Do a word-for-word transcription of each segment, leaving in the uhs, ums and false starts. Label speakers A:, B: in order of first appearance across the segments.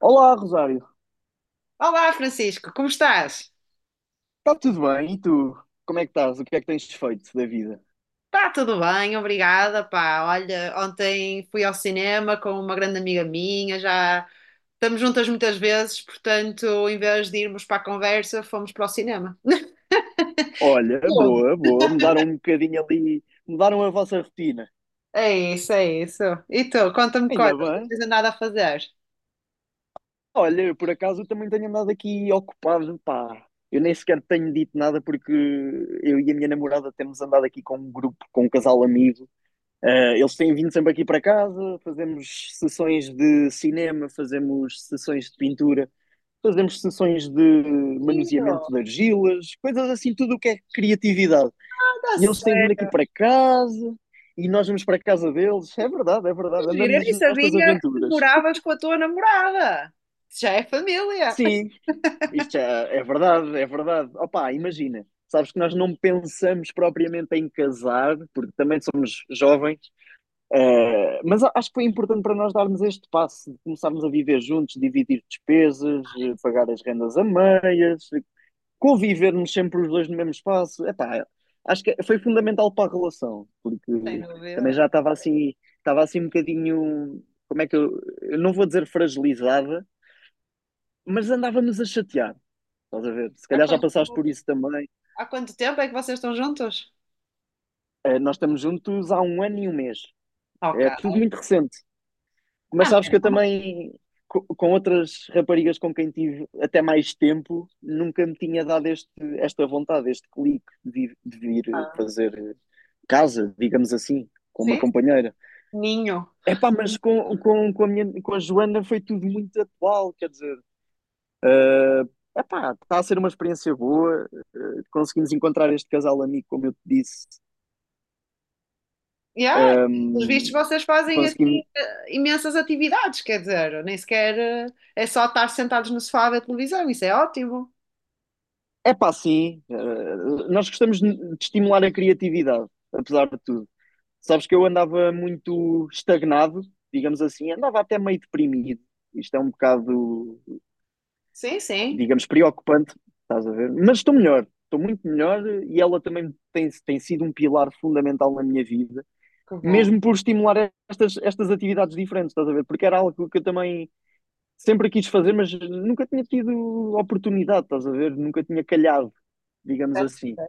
A: Olá, Rosário.
B: Olá, Francisco, como estás?
A: Está tudo bem? E tu? Como é que estás? O que é que tens feito da vida?
B: Está tudo bem, obrigada, pá. Olha, ontem fui ao cinema com uma grande amiga minha, já estamos juntas muitas vezes, portanto, em vez de irmos para a conversa, fomos para o cinema.
A: Olha,
B: Tu?
A: boa, boa. Mudaram um bocadinho ali, mudaram a vossa rotina.
B: É isso, é isso. E tu, conta-me
A: Ainda
B: coisas, não
A: bem.
B: tens nada a fazer.
A: Olha, eu por acaso eu também tenho andado aqui ocupado, pá. Eu nem sequer tenho dito nada porque eu e a minha namorada temos andado aqui com um grupo, com um casal amigo. Eh, eles têm vindo sempre aqui para casa, fazemos sessões de cinema, fazemos sessões de pintura, fazemos sessões de
B: E
A: manuseamento
B: eu,
A: de argilas, coisas assim, tudo o que é criatividade.
B: anda
A: E eles têm vindo aqui
B: sério.
A: para casa e nós vamos para a casa deles. É verdade, é
B: Que
A: verdade,
B: giro, eu
A: andamos
B: nem
A: nestas
B: sabia que tu
A: aventuras.
B: moravas com a tua namorada. Isso já é família.
A: Sim, isto é, é verdade, é verdade. Opa, imagina. Sabes que nós não pensamos propriamente em casar, porque também somos jovens, eh, mas acho que foi importante para nós darmos este passo de começarmos a viver juntos, dividir despesas, eh, pagar as rendas a meias, convivermos sempre os dois no mesmo espaço, epá, acho que foi fundamental para a relação, porque
B: Sem dúvida.
A: também já estava assim, estava assim um bocadinho, como é que eu, eu não vou dizer fragilizada, mas andávamos a chatear, estás a ver? Se
B: Há
A: calhar já
B: quanto,
A: passaste por isso também.
B: há quanto tempo é que vocês estão juntos?
A: Eh, nós estamos juntos há um ano e um mês,
B: Ok.
A: é tudo muito recente. Mas
B: Ah,
A: sabes que eu
B: merda.
A: também, co- com outras raparigas com quem tive até mais tempo, nunca me tinha dado este, esta vontade, este clique de, de vir fazer casa, digamos assim, com uma
B: Sim,
A: companheira.
B: ninho.
A: Epá, mas com, com, com a minha, com a Joana, foi tudo muito atual, quer dizer, epá, está a ser uma experiência boa. Eh, conseguimos encontrar este casal amigo, como eu te disse.
B: Yeah. e, Pelos vistos,
A: hum,
B: vocês fazem assim
A: Conseguimos.
B: eh, imensas atividades, quer dizer, nem sequer eh, é só estar sentados no sofá a ver televisão, isso é ótimo.
A: Epá, sim, eh, nós gostamos de de estimular a criatividade, apesar de tudo. Sabes que eu andava muito estagnado, digamos assim, andava até meio deprimido. Isto é um bocado,
B: Sim, sim,
A: digamos, preocupante, estás a ver? Mas estou melhor, estou muito melhor, e ela também tem, tem sido um pilar fundamental na minha vida,
B: que bom.
A: mesmo por estimular estas, estas atividades diferentes, estás a ver? Porque era algo que eu também sempre quis fazer, mas nunca tinha tido oportunidade, estás a ver? Nunca tinha calhado, digamos
B: É,
A: assim.
B: é,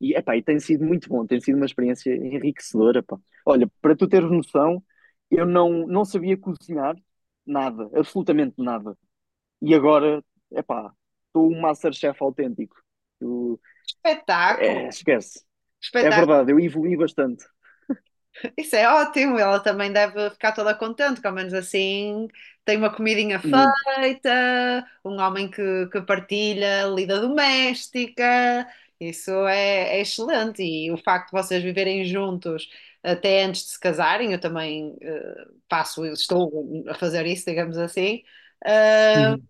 A: E, epá, e tem sido muito bom, tem sido uma experiência enriquecedora, pá. Olha, para tu teres noção, eu não, não sabia cozinhar nada, absolutamente nada. E agora, epá, estou um MasterChef autêntico. Tu-
B: Espetáculo,
A: é, esquece. É
B: espetáculo.
A: verdade, eu evoluí bastante,
B: Isso é ótimo, ela também deve ficar toda contente, que ao menos assim tem uma comidinha
A: muito.
B: feita, um homem que, que partilha a lida doméstica, isso é, é excelente. E o facto de vocês viverem juntos até antes de se casarem, eu também eh, passo, eu estou a fazer isso, digamos assim, ah,
A: Uhum.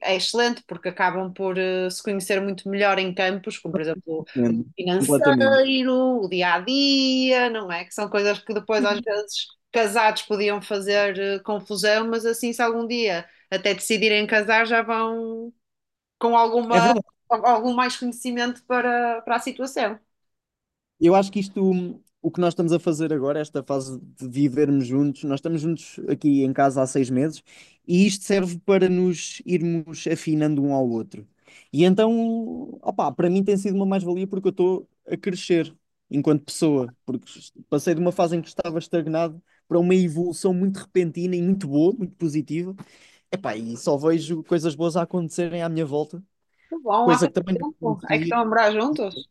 B: é excelente porque acabam por eh, se conhecer muito melhor em campos, como por exemplo
A: Entendo. Completamente.
B: financeiro, o dia a dia, não é? Que são coisas que depois, às vezes, casados podiam fazer eh, confusão, mas assim, se algum dia até decidirem casar, já vão com
A: É
B: alguma,
A: verdade.
B: al- algum mais conhecimento para, para a situação.
A: Eu acho que isto, hum, o que nós estamos a fazer agora, esta fase de vivermos juntos, nós estamos juntos aqui em casa há seis meses, e isto serve para nos irmos afinando um ao outro. E então, opá, para mim tem sido uma mais-valia porque eu estou a crescer enquanto pessoa, porque passei de uma fase em que estava estagnado para uma evolução muito repentina e muito boa, muito positiva. Epá, e só vejo coisas boas a acontecerem à minha volta,
B: Que bom, há
A: coisa que
B: quanto
A: também não
B: tempo é que
A: acontecia.
B: estão a morar juntos?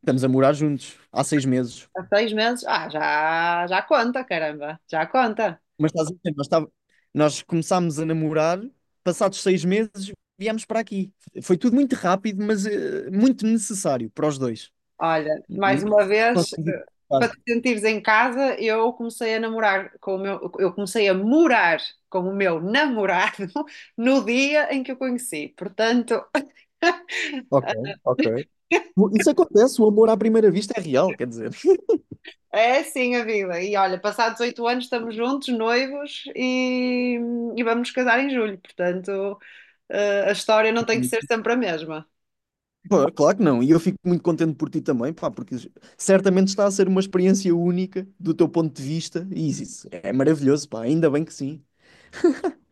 A: Estamos a morar juntos há seis meses.
B: Há seis meses? Ah, já, já conta, caramba, já conta.
A: Mas estás a ver, nós, estava- nós começámos a namorar, passados seis meses viemos para aqui. Foi tudo muito rápido, mas eh, muito necessário para os dois.
B: Olha,
A: Não
B: mais uma vez,
A: consegui
B: eh,
A: explicar.
B: para te sentires em casa, eu comecei a namorar com o meu, eu comecei a morar com o meu namorado no dia em que o conheci. Portanto,
A: Ok, ok. Isso acontece, o amor à primeira vista é real, quer dizer.
B: é assim a vida. E olha, passados oito anos estamos juntos, noivos, e, e vamos casar em julho. Portanto, eh, a história não tem que ser sempre a mesma.
A: Pô, claro que não, e eu fico muito contente por ti também, pá, porque certamente está a ser uma experiência única do teu ponto de vista, e isso é maravilhoso, pá, ainda bem que sim,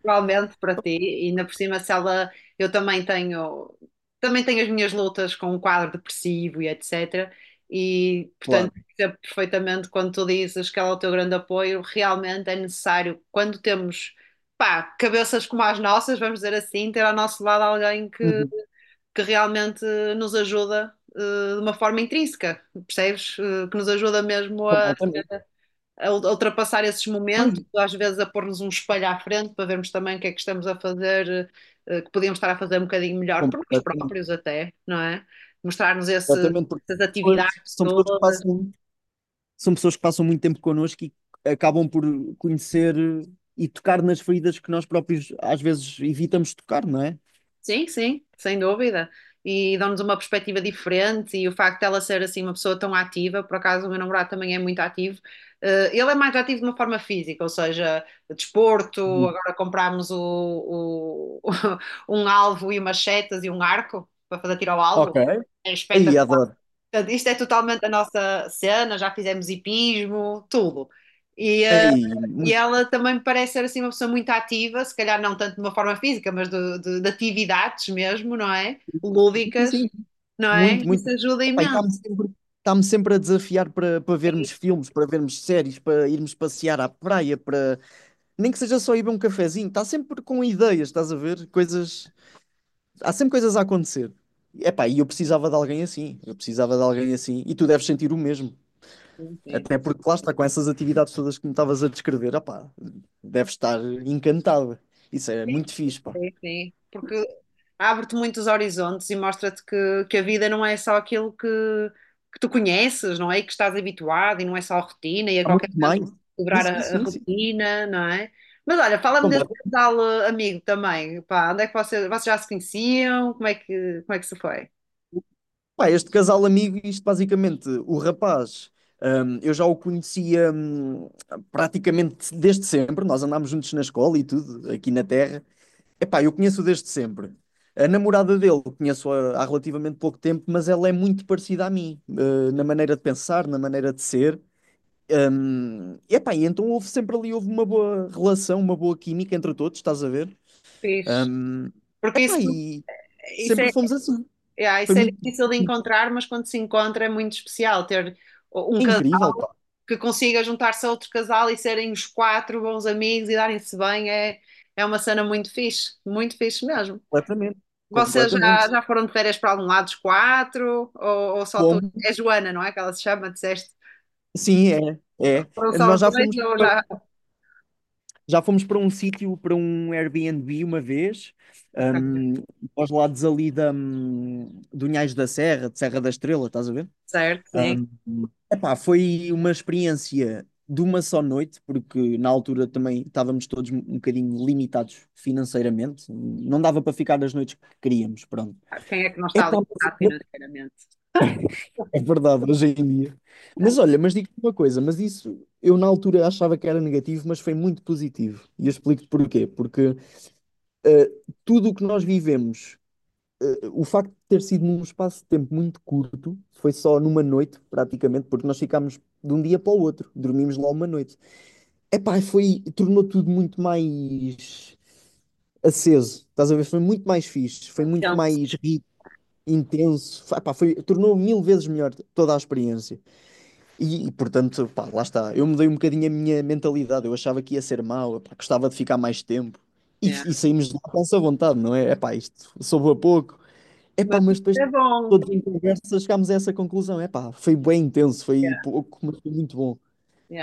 B: Igualmente para ti, e ainda por cima, se ela, eu também tenho, também tenho as minhas lutas com o quadro depressivo e et cetera. E, portanto,
A: claro.
B: percebo perfeitamente quando tu dizes que ela é o teu grande apoio, realmente é necessário, quando temos, pá, cabeças como as nossas, vamos dizer assim, ter ao nosso lado alguém que,
A: Uhum.
B: que realmente nos ajuda, eh, de uma forma intrínseca, percebes? Eh, que nos ajuda mesmo
A: Completamente.
B: a ultrapassar esses momentos, às vezes a pôr-nos um espelho à frente para vermos também o que é que estamos a fazer, eh, que podíamos estar a fazer um bocadinho melhor por nós
A: Completamente.
B: próprios até, não é? Mostrar-nos esse-
A: Exatamente, porque
B: essas
A: depois
B: atividades
A: são pessoas que
B: todas.
A: passam, são pessoas que passam muito tempo connosco e acabam por conhecer e tocar nas feridas que nós próprios às vezes evitamos tocar, não é?
B: Sim, sim, sem dúvida. E dão-nos uma perspectiva diferente e o facto dela ser assim uma pessoa tão ativa, por acaso o meu namorado também é muito ativo. Eh, ele é mais ativo de uma forma física, ou seja, desporto,
A: Uhum.
B: agora comprámos o, o- um alvo e umas setas e um arco para fazer tiro ao
A: Ok.
B: alvo. É
A: Aí,
B: espetacular.
A: adoro.
B: Portanto, isto é totalmente a nossa cena, já fizemos hipismo, tudo. E, eh,
A: Aí,
B: e
A: muito,
B: ela também me parece ser assim uma pessoa muito ativa, se calhar não tanto de uma forma física, mas de, de- de atividades mesmo, não é?
A: sim,
B: Lúdicas,
A: sim,
B: não é?
A: muito,
B: Isso
A: muito.
B: ajuda
A: Epá, e
B: imenso.
A: está-me sempre, está-me sempre a desafiar para, para vermos filmes, para vermos séries, para irmos passear à praia, para, nem que seja, só ir beber um cafezinho. Está sempre com ideias, estás a ver? Coisas Há sempre coisas a acontecer. Epá, e eu precisava de alguém assim, eu precisava de alguém assim, e tu deves sentir o mesmo.
B: Sim, sim,
A: Até porque lá está, com essas atividades todas que me estavas a descrever, opá, deves estar encantada. Isso é muito fixe, pá.
B: sim, sim. Porque abre-te muitos horizontes e mostra-te que, que a vida não é só aquilo que, que tu conheces, não é? E que estás habituado e não é só a rotina e a
A: Há muito
B: qualquer momento
A: mais. Sim,
B: quebrar a, a
A: sim, sim, sim.
B: rotina, não é? Mas olha, fala-me desse
A: Completo.
B: casal eh, amigo também, pá, onde é que vocês, vocês já se conheciam? Como é que, como é que se foi?
A: Pá, este casal amigo, isto basicamente, o rapaz, hum, eu já o conhecia hum, praticamente desde sempre, nós andámos juntos na escola e tudo, aqui na Terra. Epá, eu conheço-o desde sempre. A namorada dele conheço-a há relativamente pouco tempo, mas ela é muito parecida a mim, eh, na maneira de pensar, na maneira de ser. Hum, epá, e então houve sempre ali, houve uma boa relação, uma boa química entre todos, estás a ver?
B: Fixe.
A: Hum,
B: Porque isso,
A: epá, e
B: isso
A: sempre
B: é,
A: fomos assim.
B: é,
A: Foi
B: isso é
A: muito
B: difícil de encontrar, mas quando se encontra é muito especial ter um
A: é
B: casal
A: incrível, pá.
B: que consiga juntar-se a outro casal e serem os quatro bons amigos e darem-se bem é, é uma cena muito fixe, muito fixe mesmo.
A: Completamente,
B: Vocês já,
A: completamente.
B: já foram de férias para algum lado os quatro? Ou, ou só tu?
A: Como?
B: É Joana, não é? Que ela se chama, disseste.
A: Sim, é,
B: Foram
A: é.
B: só
A: Nós
B: os
A: já
B: dois
A: fomos.
B: ou já.
A: Já fomos para um sítio, para um Airbnb uma vez,
B: Ok,
A: um, aos lados ali da, hum, do Unhais da Serra, de Serra da Estrela, estás a ver?
B: certo, sim.
A: Um, epá, foi uma experiência de uma só noite, porque na altura também estávamos todos um bocadinho limitados financeiramente, não dava para ficar as noites que queríamos, pronto.
B: Quem é que não está
A: Epá,
B: alimentado
A: mas-
B: financeiramente?
A: é verdade, hoje em dia. Mas olha, mas digo-te uma coisa, mas isso eu na altura achava que era negativo, mas foi muito positivo. E eu explico-te porquê. Porque Uh, tudo o que nós vivemos, uh, o facto de ter sido num espaço de tempo muito curto, foi só numa noite, praticamente, porque nós ficámos de um dia para o outro, dormimos lá uma noite. Epá, foi, tornou tudo muito mais aceso, estás a ver? Foi muito mais fixe, foi muito
B: Então,
A: mais rico, intenso. Epá, foi, tornou mil vezes melhor toda a experiência. E, portanto, pá, lá está. Eu mudei um bocadinho a minha mentalidade. Eu achava que ia ser mau, pá, gostava de ficar mais tempo. E,
B: yeah.
A: e saímos de lá com essa vontade, não é? É pá, isto soube a pouco. É pá,
B: Mas
A: mas
B: isso
A: depois,
B: é bom.
A: todos em conversa, chegámos a essa conclusão. É pá, foi bem intenso, foi
B: Yeah,
A: pouco, mas foi muito bom.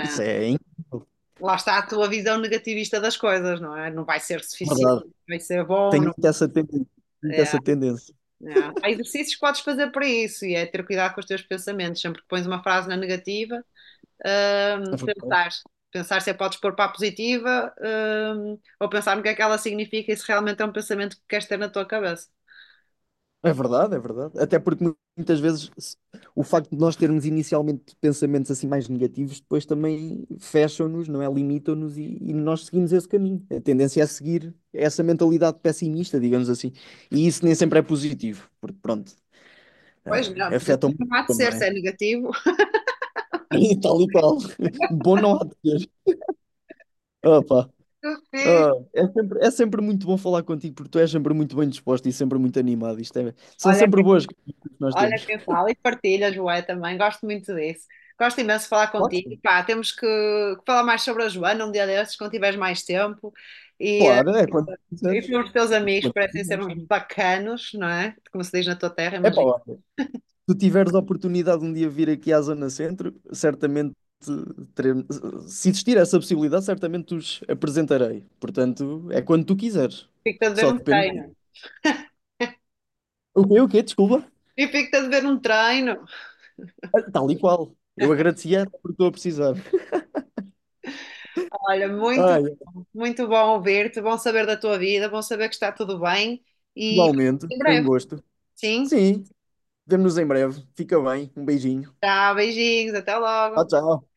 A: Isso é incrível,
B: Lá está a tua visão negativista das coisas, não é? Não vai ser suficiente,
A: verdade.
B: vai ser bom,
A: Tenho
B: não.
A: muito essa tendência. Muito
B: Yeah.
A: essa tendência.
B: Não. Há exercícios que podes fazer para isso e é ter cuidado com os teus pensamentos. Sempre que pões uma frase na negativa, hum, pensar, pensar se a podes pôr para a positiva, hum, ou pensar no que é que ela significa e se realmente é um pensamento que queres ter na tua cabeça.
A: É verdade, é verdade. Até porque mu- muitas vezes se- o facto de nós termos inicialmente pensamentos assim mais negativos, depois também fecham-nos, não é? Limitam-nos, e, e nós seguimos esse caminho. A tendência é seguir essa mentalidade pessimista, digamos assim. E isso nem sempre é positivo, porque pronto,
B: Pois não,
A: afeta
B: positivo
A: muito,
B: não há de ser,
A: não
B: se
A: é?
B: é negativo.
A: E tal e qual. Bom não há de ser. Opa.
B: Eu fiz.
A: Ah, é sempre, é sempre muito bom falar contigo, porque tu és sempre muito bem disposto e sempre muito animado. Isto é- são
B: Olha,
A: sempre
B: quem-
A: boas que nós
B: olha
A: temos.
B: quem fala e partilha, Joé, também. Gosto muito disso. Gosto imenso de falar
A: Claro
B: contigo.
A: que sim.
B: Pá, temos que, que falar mais sobre a Joana um dia desses, quando tiveres mais tempo. E,
A: Claro, é quando
B: E
A: quiseres.
B: pelos teus amigos parecem ser uns bacanos, não é? Como se diz na tua terra,
A: É pá,
B: imagina.
A: olha, tu tiveres a oportunidade de um dia vir aqui à Zona Centro, certamente teremos, se existir essa possibilidade, certamente os apresentarei. Portanto, é quando tu quiseres.
B: Fico-te a dever
A: Só
B: um
A: depende.
B: treino.
A: O quê? O quê? Desculpa.
B: E fico-te a dever um treino.
A: Ah, tal e qual. Eu agradecia porque estou a precisar.
B: Olha, muito,
A: Ai,
B: muito bom ouvir-te, bom saber da tua vida, bom saber que está tudo bem e
A: igualmente,
B: em
A: foi um
B: breve.
A: gosto.
B: Sim,
A: Sim, vemo-nos em breve. Fica bem. Um beijinho.
B: tá, beijinhos, até
A: Tchau,
B: logo.
A: tchau.